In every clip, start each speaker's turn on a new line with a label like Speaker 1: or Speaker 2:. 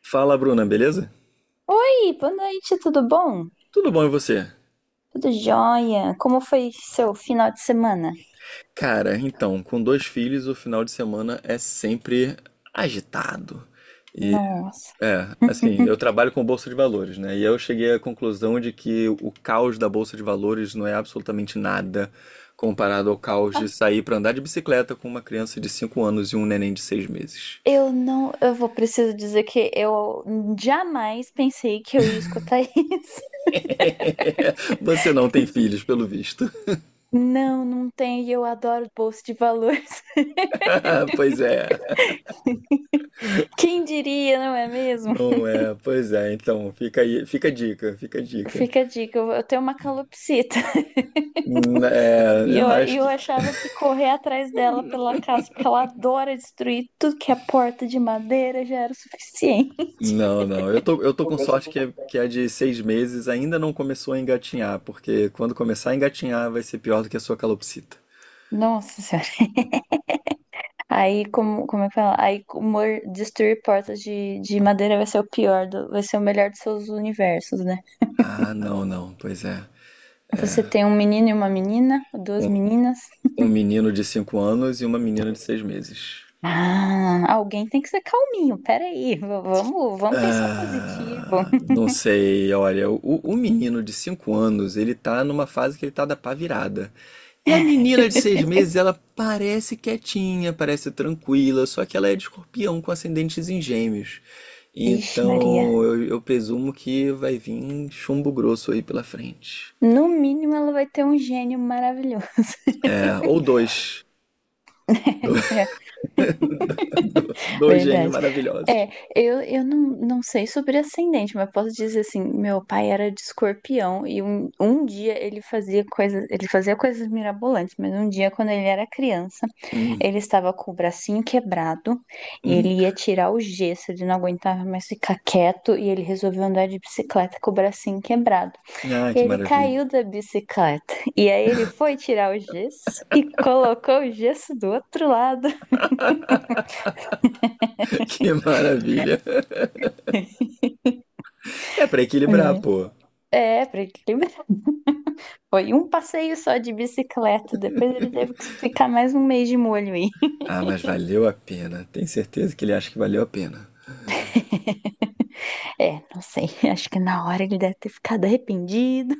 Speaker 1: Fala, Bruna, beleza?
Speaker 2: Oi, boa noite, tudo bom?
Speaker 1: Tudo bom e você?
Speaker 2: Tudo jóia? Como foi seu final de semana?
Speaker 1: Cara, então, com dois filhos, o final de semana é sempre agitado.
Speaker 2: Nossa.
Speaker 1: É, assim, eu trabalho com bolsa de valores, né? E eu cheguei à conclusão de que o caos da bolsa de valores não é absolutamente nada comparado ao caos de sair pra andar de bicicleta com uma criança de 5 anos e um neném de 6 meses.
Speaker 2: Eu não, eu vou preciso dizer que eu jamais pensei que eu ia escutar isso.
Speaker 1: Você não tem filhos, pelo visto.
Speaker 2: Não, não tem, e eu adoro bolsa de valores.
Speaker 1: Pois é.
Speaker 2: Quem diria, não é mesmo?
Speaker 1: Não é, pois é. Então, fica aí, fica a dica, fica a dica.
Speaker 2: Fica a dica, eu tenho uma calopsita.
Speaker 1: Hum. É,
Speaker 2: E
Speaker 1: eu
Speaker 2: eu,
Speaker 1: acho
Speaker 2: eu
Speaker 1: que.
Speaker 2: achava que correr atrás dela pela casa, porque ela adora destruir tudo que é porta de madeira, já era o suficiente.
Speaker 1: Não, não. Eu tô com sorte que é de 6 meses, ainda não começou a engatinhar, porque quando começar a engatinhar vai ser pior do que a sua calopsita.
Speaker 2: Nossa. Aí, como é que fala? Aí, destruir portas de madeira vai ser vai ser o melhor dos seus universos, né?
Speaker 1: Ah, não, não. Pois é.
Speaker 2: Você tem um menino e uma menina, duas
Speaker 1: Um,
Speaker 2: meninas.
Speaker 1: um menino de 5 anos e uma menina de 6 meses.
Speaker 2: Ah, alguém tem que ser calminho, peraí, vamos, vamos pensar positivo.
Speaker 1: Ah, não sei, olha, o menino de 5 anos, ele tá numa fase que ele tá da pá virada. E a menina de 6 meses, ela parece quietinha, parece tranquila, só que ela é de escorpião com ascendentes em gêmeos.
Speaker 2: Ixi, Maria.
Speaker 1: Então, eu presumo que vai vir chumbo grosso aí pela frente.
Speaker 2: No mínimo, ela vai ter um gênio maravilhoso.
Speaker 1: É, ou dois. Do- Dois gênios
Speaker 2: Verdade.
Speaker 1: maravilhosos.
Speaker 2: É, eu não, não sei sobre ascendente, mas posso dizer assim, meu pai era de escorpião e um dia ele fazia coisas mirabolantes, mas um dia quando ele era criança,
Speaker 1: Hum,
Speaker 2: ele estava com o bracinho quebrado e
Speaker 1: hum.
Speaker 2: ele ia tirar o gesso, ele não aguentava mais ficar quieto e ele resolveu andar de bicicleta com o bracinho quebrado.
Speaker 1: Ah,
Speaker 2: E
Speaker 1: que
Speaker 2: ele
Speaker 1: maravilha.
Speaker 2: caiu da bicicleta e aí ele foi tirar o gesso e colocou o gesso do outro lado.
Speaker 1: Que maravilha. É pra equilibrar,
Speaker 2: Né?
Speaker 1: pô.
Speaker 2: É, pra ele. Foi um passeio só de bicicleta, depois ele teve que ficar mais um mês de molho aí.
Speaker 1: Ah, mas valeu a pena. Tenho certeza que ele acha que valeu a pena.
Speaker 2: É, não sei, acho que na hora ele deve ter ficado arrependido.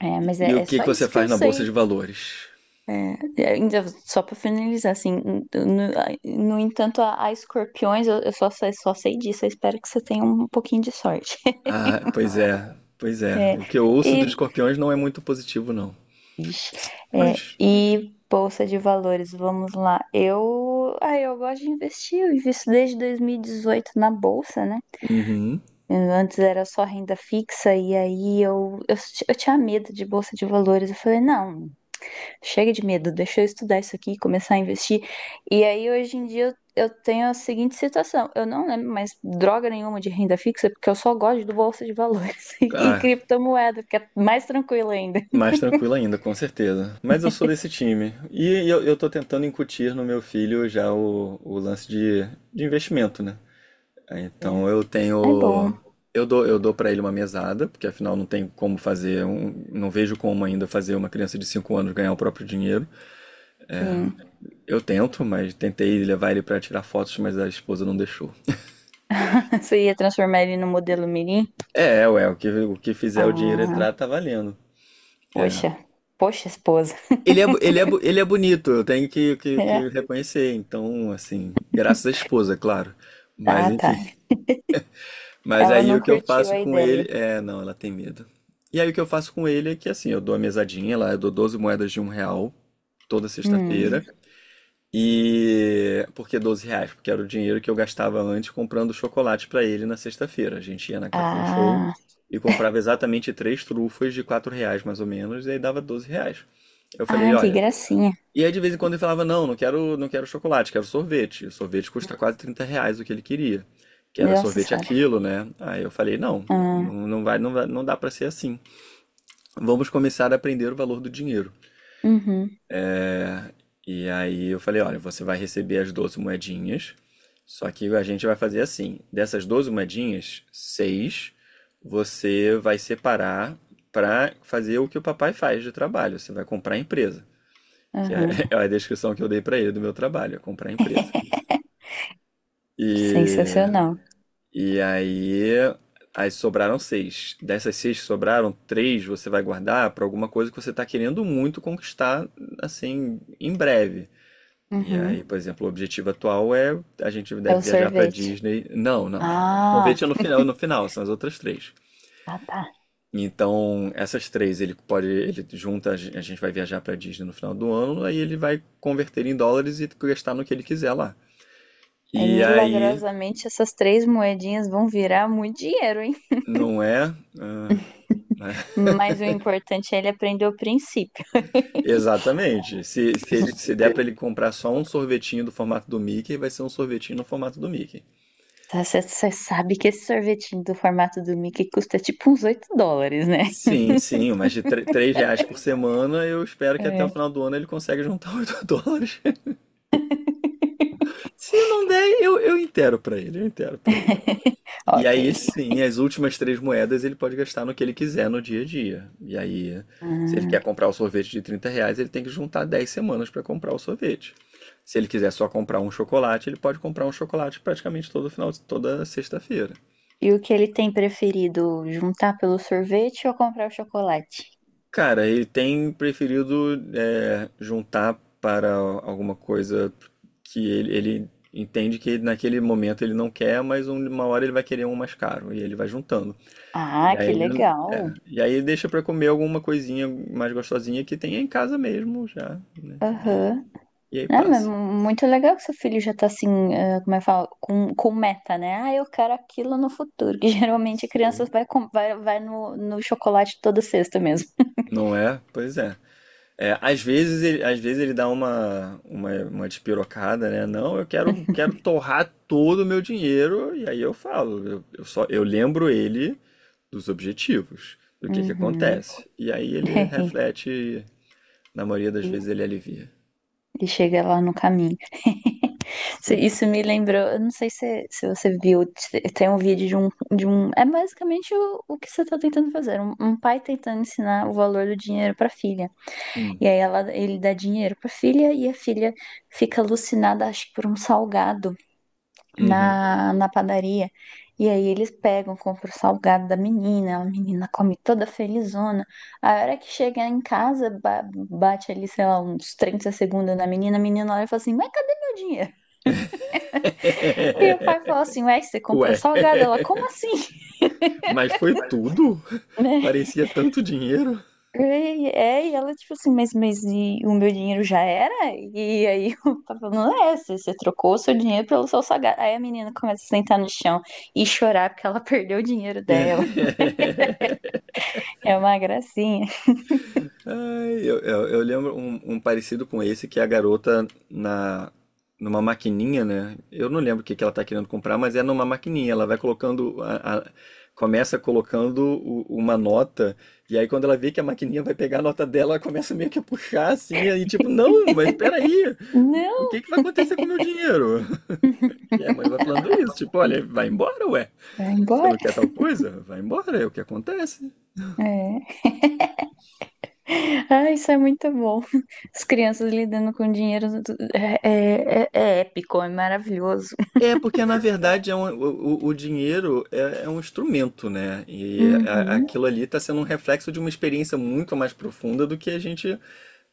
Speaker 2: É, mas
Speaker 1: E o
Speaker 2: é
Speaker 1: que
Speaker 2: só
Speaker 1: que você
Speaker 2: isso que
Speaker 1: faz
Speaker 2: eu
Speaker 1: na bolsa
Speaker 2: sei.
Speaker 1: de valores?
Speaker 2: Ainda só pra finalizar, assim, no, no entanto, a escorpiões, só sei disso, eu espero que você tenha um pouquinho de sorte.
Speaker 1: Ah, pois é, pois é.
Speaker 2: É,
Speaker 1: O que eu ouço dos
Speaker 2: e,
Speaker 1: escorpiões não é muito positivo, não.
Speaker 2: ixi, é,
Speaker 1: Mas,
Speaker 2: e bolsa de valores, vamos lá. Eu, ah, eu gosto de investir, eu invisto desde 2018 na bolsa, né?
Speaker 1: uhum.
Speaker 2: Antes era só renda fixa e aí eu tinha medo de bolsa de valores. Eu falei, não, chega de medo, deixa eu estudar isso aqui e começar a investir. E aí hoje em dia eu tenho a seguinte situação: eu não lembro mais droga nenhuma de renda fixa, porque eu só gosto do bolsa de valores e
Speaker 1: Ah,
Speaker 2: criptomoeda, que é mais tranquilo ainda.
Speaker 1: mais tranquilo ainda, com certeza. Mas eu sou desse time. E eu tô tentando incutir no meu filho já o lance de investimento, né?
Speaker 2: É,
Speaker 1: Então eu
Speaker 2: é bom,
Speaker 1: tenho. Eu dou para ele uma mesada, porque afinal não tem como fazer. Não vejo como ainda fazer uma criança de 5 anos ganhar o próprio dinheiro.
Speaker 2: sim.
Speaker 1: Eu tento, mas tentei levar ele pra tirar fotos, mas a esposa não deixou.
Speaker 2: Você ia transformar ele no modelo Mirim?
Speaker 1: É, ué, o que fizer o dinheiro
Speaker 2: Ah,
Speaker 1: entrar tá valendo. É.
Speaker 2: poxa, poxa, esposa.
Speaker 1: Ele é bonito, eu tenho
Speaker 2: É,
Speaker 1: que reconhecer. Então, assim, graças à esposa, claro. Mas
Speaker 2: tá, tá.
Speaker 1: enfim. Mas
Speaker 2: Ela
Speaker 1: aí
Speaker 2: não
Speaker 1: o que eu
Speaker 2: curtiu
Speaker 1: faço
Speaker 2: a
Speaker 1: com ele.
Speaker 2: ideia.
Speaker 1: É, não, ela tem medo. E aí o que eu faço com ele é que assim, eu dou a mesadinha lá, eu dou 12 moedas de R$ 1 toda
Speaker 2: Hum.
Speaker 1: sexta-feira. E por que R$ 12? Porque era o dinheiro que eu gastava antes comprando chocolate para ele na sexta-feira. A gente ia na Cacau Show
Speaker 2: Ah,
Speaker 1: e comprava exatamente três trufas de R$ 4 mais ou menos, e aí dava R$ 12. Eu falei,
Speaker 2: ah, que
Speaker 1: olha.
Speaker 2: gracinha.
Speaker 1: E aí de vez em quando ele falava, não, não quero, não quero chocolate, quero sorvete. O sorvete custa quase R$ 30 o que ele queria. Que era
Speaker 2: Nossa
Speaker 1: sorvete
Speaker 2: senhora.
Speaker 1: aquilo, né? Aí eu falei, não,
Speaker 2: Ah,
Speaker 1: não, não vai, não vai, não dá para ser assim. Vamos começar a aprender o valor do dinheiro.
Speaker 2: uhum,
Speaker 1: E aí eu falei, olha, você vai receber as 12 moedinhas, só que a gente vai fazer assim, dessas 12 moedinhas, seis você vai separar para fazer o que o papai faz de trabalho, você vai comprar a empresa, que
Speaker 2: uhum.
Speaker 1: é, é a descrição que eu dei para ele do meu trabalho, é comprar a empresa. E,
Speaker 2: Sensacional.
Speaker 1: e aí, sobraram seis. Dessas seis que sobraram, três você vai guardar para alguma coisa que você está querendo muito conquistar, assim, em breve. E aí, por
Speaker 2: Uhum.
Speaker 1: exemplo, o objetivo atual é a gente
Speaker 2: É
Speaker 1: deve
Speaker 2: o
Speaker 1: viajar para
Speaker 2: sorvete.
Speaker 1: Disney. Não, não. O
Speaker 2: Ah,
Speaker 1: convite é no final, no final, são as outras três.
Speaker 2: ah, tá.
Speaker 1: Então, essas três, ele pode, ele junta, a gente vai viajar para Disney no final do ano, aí ele vai converter em dólares e gastar no que ele quiser lá.
Speaker 2: É,
Speaker 1: E aí,
Speaker 2: milagrosamente essas três moedinhas vão virar muito dinheiro, hein?
Speaker 1: não é, ah, mas-
Speaker 2: Mas o importante é ele aprender o princípio.
Speaker 1: exatamente. Se der para ele comprar só um sorvetinho do formato do Mickey, vai ser um sorvetinho no formato do Mickey.
Speaker 2: Você sabe que esse sorvetinho do formato do Mickey custa tipo uns 8 dólares, né?
Speaker 1: Sim, sim, mas de R$ 3 por semana, eu espero que até o
Speaker 2: É.
Speaker 1: final do ano ele consiga juntar US$ 8. Se não der, eu intero pra ele, eu intero pra ele. E aí,
Speaker 2: Ok.
Speaker 1: sim, as últimas 3 moedas ele pode gastar no que ele quiser no dia a dia. E aí, se ele quer
Speaker 2: Ah,
Speaker 1: comprar o sorvete de R$ 30, ele tem que juntar 10 semanas para comprar o sorvete. Se ele quiser só comprar um chocolate, ele pode comprar um chocolate praticamente todo final, toda sexta-feira.
Speaker 2: e o que ele tem preferido? Juntar pelo sorvete ou comprar o chocolate?
Speaker 1: Cara, ele tem preferido é, juntar para alguma coisa que ele entende que naquele momento ele não quer, mas uma hora ele vai querer um mais caro e ele vai juntando. E
Speaker 2: Ah,
Speaker 1: aí,
Speaker 2: que
Speaker 1: é,
Speaker 2: legal.
Speaker 1: e aí deixa para comer alguma coisinha mais gostosinha que tem em casa mesmo já, né? E aí,
Speaker 2: Aham.
Speaker 1: e aí
Speaker 2: Ah, mas
Speaker 1: passa.
Speaker 2: muito legal que seu filho já tá assim, ah, como é que fala, com meta, né? Ah, eu quero aquilo no futuro. Que geralmente a criança
Speaker 1: Sim.
Speaker 2: vai no chocolate toda sexta mesmo.
Speaker 1: Não é? Pois é. É, às vezes ele dá uma despirocada, né? Não, eu quero torrar todo o meu dinheiro, e aí eu falo, eu lembro ele dos objetivos, do que
Speaker 2: Uhum.
Speaker 1: acontece. E aí ele reflete, e, na maioria das
Speaker 2: E,
Speaker 1: vezes ele alivia.
Speaker 2: e chega lá no caminho.
Speaker 1: Sim.
Speaker 2: Isso me lembrou, eu não sei se você viu, tem um vídeo de um. É basicamente o que você tá tentando fazer. Um pai tentando ensinar o valor do dinheiro pra filha.
Speaker 1: Hum.
Speaker 2: E aí ele dá dinheiro pra filha e a filha fica alucinada, acho que por um salgado
Speaker 1: Uhum.
Speaker 2: na padaria. E aí eles pegam, compram o salgado da menina, a menina come toda felizona. A hora que chega em casa, bate ali, sei lá, uns 30 segundos na menina, a menina olha e fala assim, mas cadê meu dinheiro? E o pai fala assim, ué, você comprou
Speaker 1: Ué,
Speaker 2: salgado? Ela, como assim?
Speaker 1: mas foi tudo? Parecia tanto dinheiro.
Speaker 2: E, é, e ela, tipo assim, mas e o meu dinheiro já era? E aí o papai falando, é, você trocou o seu dinheiro pelo seu sagrado. Aí a menina começa a sentar no chão e chorar porque ela perdeu o dinheiro dela. É uma gracinha.
Speaker 1: Ai, eu lembro um parecido com esse que é a garota na numa maquininha, né? Eu não lembro o que que ela tá querendo comprar, mas é numa maquininha. Ela vai colocando começa colocando uma nota e aí quando ela vê que a maquininha vai pegar a nota dela, ela começa meio que a puxar assim, aí tipo, não, mas peraí, o que
Speaker 2: Não,
Speaker 1: que vai acontecer com o meu dinheiro? E a mãe vai falando isso, tipo, olha, vai embora, ué.
Speaker 2: vai
Speaker 1: Você não
Speaker 2: embora.
Speaker 1: quer tal coisa? Vai embora, é o que acontece.
Speaker 2: É. Ah, isso é muito bom. As crianças lidando com dinheiro é épico, é maravilhoso.
Speaker 1: É, porque na verdade é o dinheiro é um instrumento, né? E
Speaker 2: Uhum,
Speaker 1: aquilo ali está sendo um reflexo de uma experiência muito mais profunda do que a gente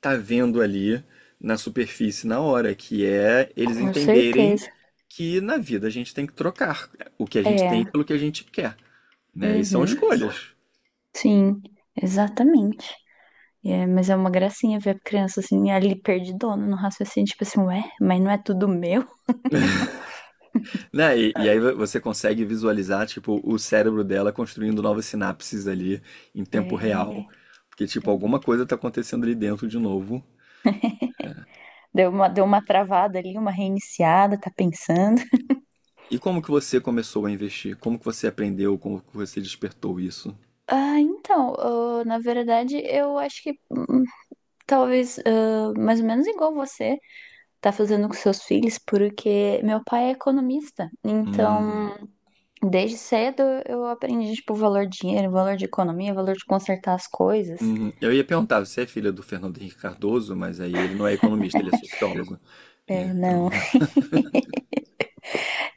Speaker 1: tá vendo ali na superfície na hora, que é eles
Speaker 2: com
Speaker 1: entenderem
Speaker 2: certeza.
Speaker 1: que na vida a gente tem que trocar o que a gente tem
Speaker 2: É,
Speaker 1: pelo que a gente quer, né? E são
Speaker 2: uhum,
Speaker 1: escolhas,
Speaker 2: sim, exatamente. E mas é uma gracinha ver a criança assim, ali perdidona no raciocínio, tipo assim, ué, mas não é tudo meu?
Speaker 1: né? E aí você consegue visualizar, tipo, o cérebro dela construindo novas sinapses ali em tempo real,
Speaker 2: É.
Speaker 1: porque, tipo, alguma coisa tá acontecendo ali dentro de novo.
Speaker 2: Deu uma travada ali, uma reiniciada, tá pensando.
Speaker 1: E como que você começou a investir? Como que você aprendeu? Como que você despertou isso?
Speaker 2: Ah, então, ah, na verdade, eu acho que talvez ah, mais ou menos igual você tá fazendo com seus filhos, porque meu pai é economista.
Speaker 1: Hum,
Speaker 2: Então, desde cedo eu aprendi, tipo, o valor de dinheiro, o valor de economia, o valor de consertar as coisas.
Speaker 1: uhum. Eu ia perguntar, você é filha do Fernando Henrique Cardoso, mas aí ele não é economista, ele é sociólogo.
Speaker 2: É,
Speaker 1: Então,
Speaker 2: né?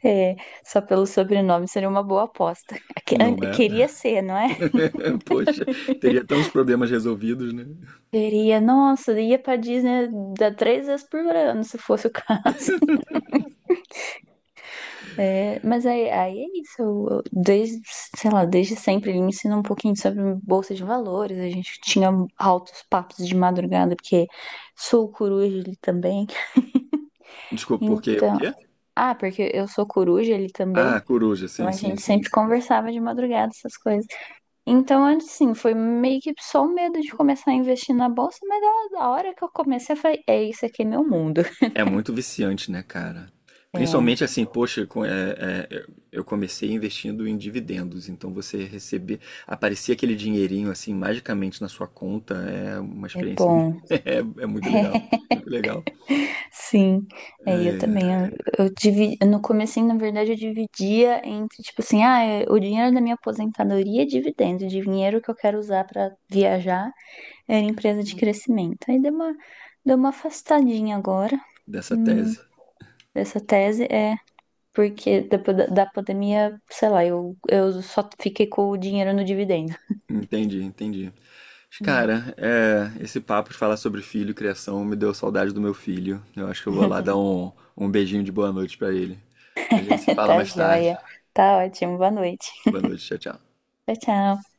Speaker 2: É, só pelo sobrenome seria uma boa aposta.
Speaker 1: não é?
Speaker 2: Queria ser, não é?
Speaker 1: Poxa, teria tantos problemas resolvidos, né?
Speaker 2: Queria, nossa, ia pra Disney da três vezes por ano, se fosse o caso. É, mas aí é isso. Desde, sei lá, desde sempre ele me ensinou um pouquinho sobre bolsa de valores. A gente tinha altos papos de madrugada, porque sou coruja ele também.
Speaker 1: Desculpa, porque o
Speaker 2: Então,
Speaker 1: quê?
Speaker 2: ah, porque eu sou coruja ele
Speaker 1: Ah,
Speaker 2: também.
Speaker 1: coruja,
Speaker 2: Então
Speaker 1: sim,
Speaker 2: a
Speaker 1: sim,
Speaker 2: gente
Speaker 1: sim.
Speaker 2: sempre conversava de madrugada essas coisas. Então, assim, foi meio que só o medo de começar a investir na bolsa, mas a hora que eu comecei, eu falei, é isso aqui é meu mundo.
Speaker 1: É muito viciante, né, cara?
Speaker 2: É,
Speaker 1: Principalmente assim, poxa, eu comecei investindo em dividendos, então você receber, aparecer aquele dinheirinho assim magicamente na sua conta é uma
Speaker 2: é
Speaker 1: experiência,
Speaker 2: bom.
Speaker 1: é muito legal
Speaker 2: Sim, é, eu também. Eu dividi, no comecinho, na verdade, eu dividia entre, tipo assim, ah, é, o dinheiro da minha aposentadoria é dividendo, o dinheiro que eu quero usar pra viajar era empresa de crescimento. Aí deu uma afastadinha agora,
Speaker 1: dessa
Speaker 2: hum,
Speaker 1: tese.
Speaker 2: dessa tese. É, porque depois da pandemia, sei lá, eu só fiquei com o dinheiro no dividendo.
Speaker 1: Entendi, entendi. Mas, Cara, é, esse papo de falar sobre filho e criação me deu saudade do meu filho. Eu acho que eu vou lá dar um beijinho de boa noite pra ele. A gente se fala
Speaker 2: Tá
Speaker 1: mais
Speaker 2: joia.
Speaker 1: tarde.
Speaker 2: Tá ótimo. Boa noite.
Speaker 1: Boa noite, tchau, tchau.
Speaker 2: Tchau, tchau.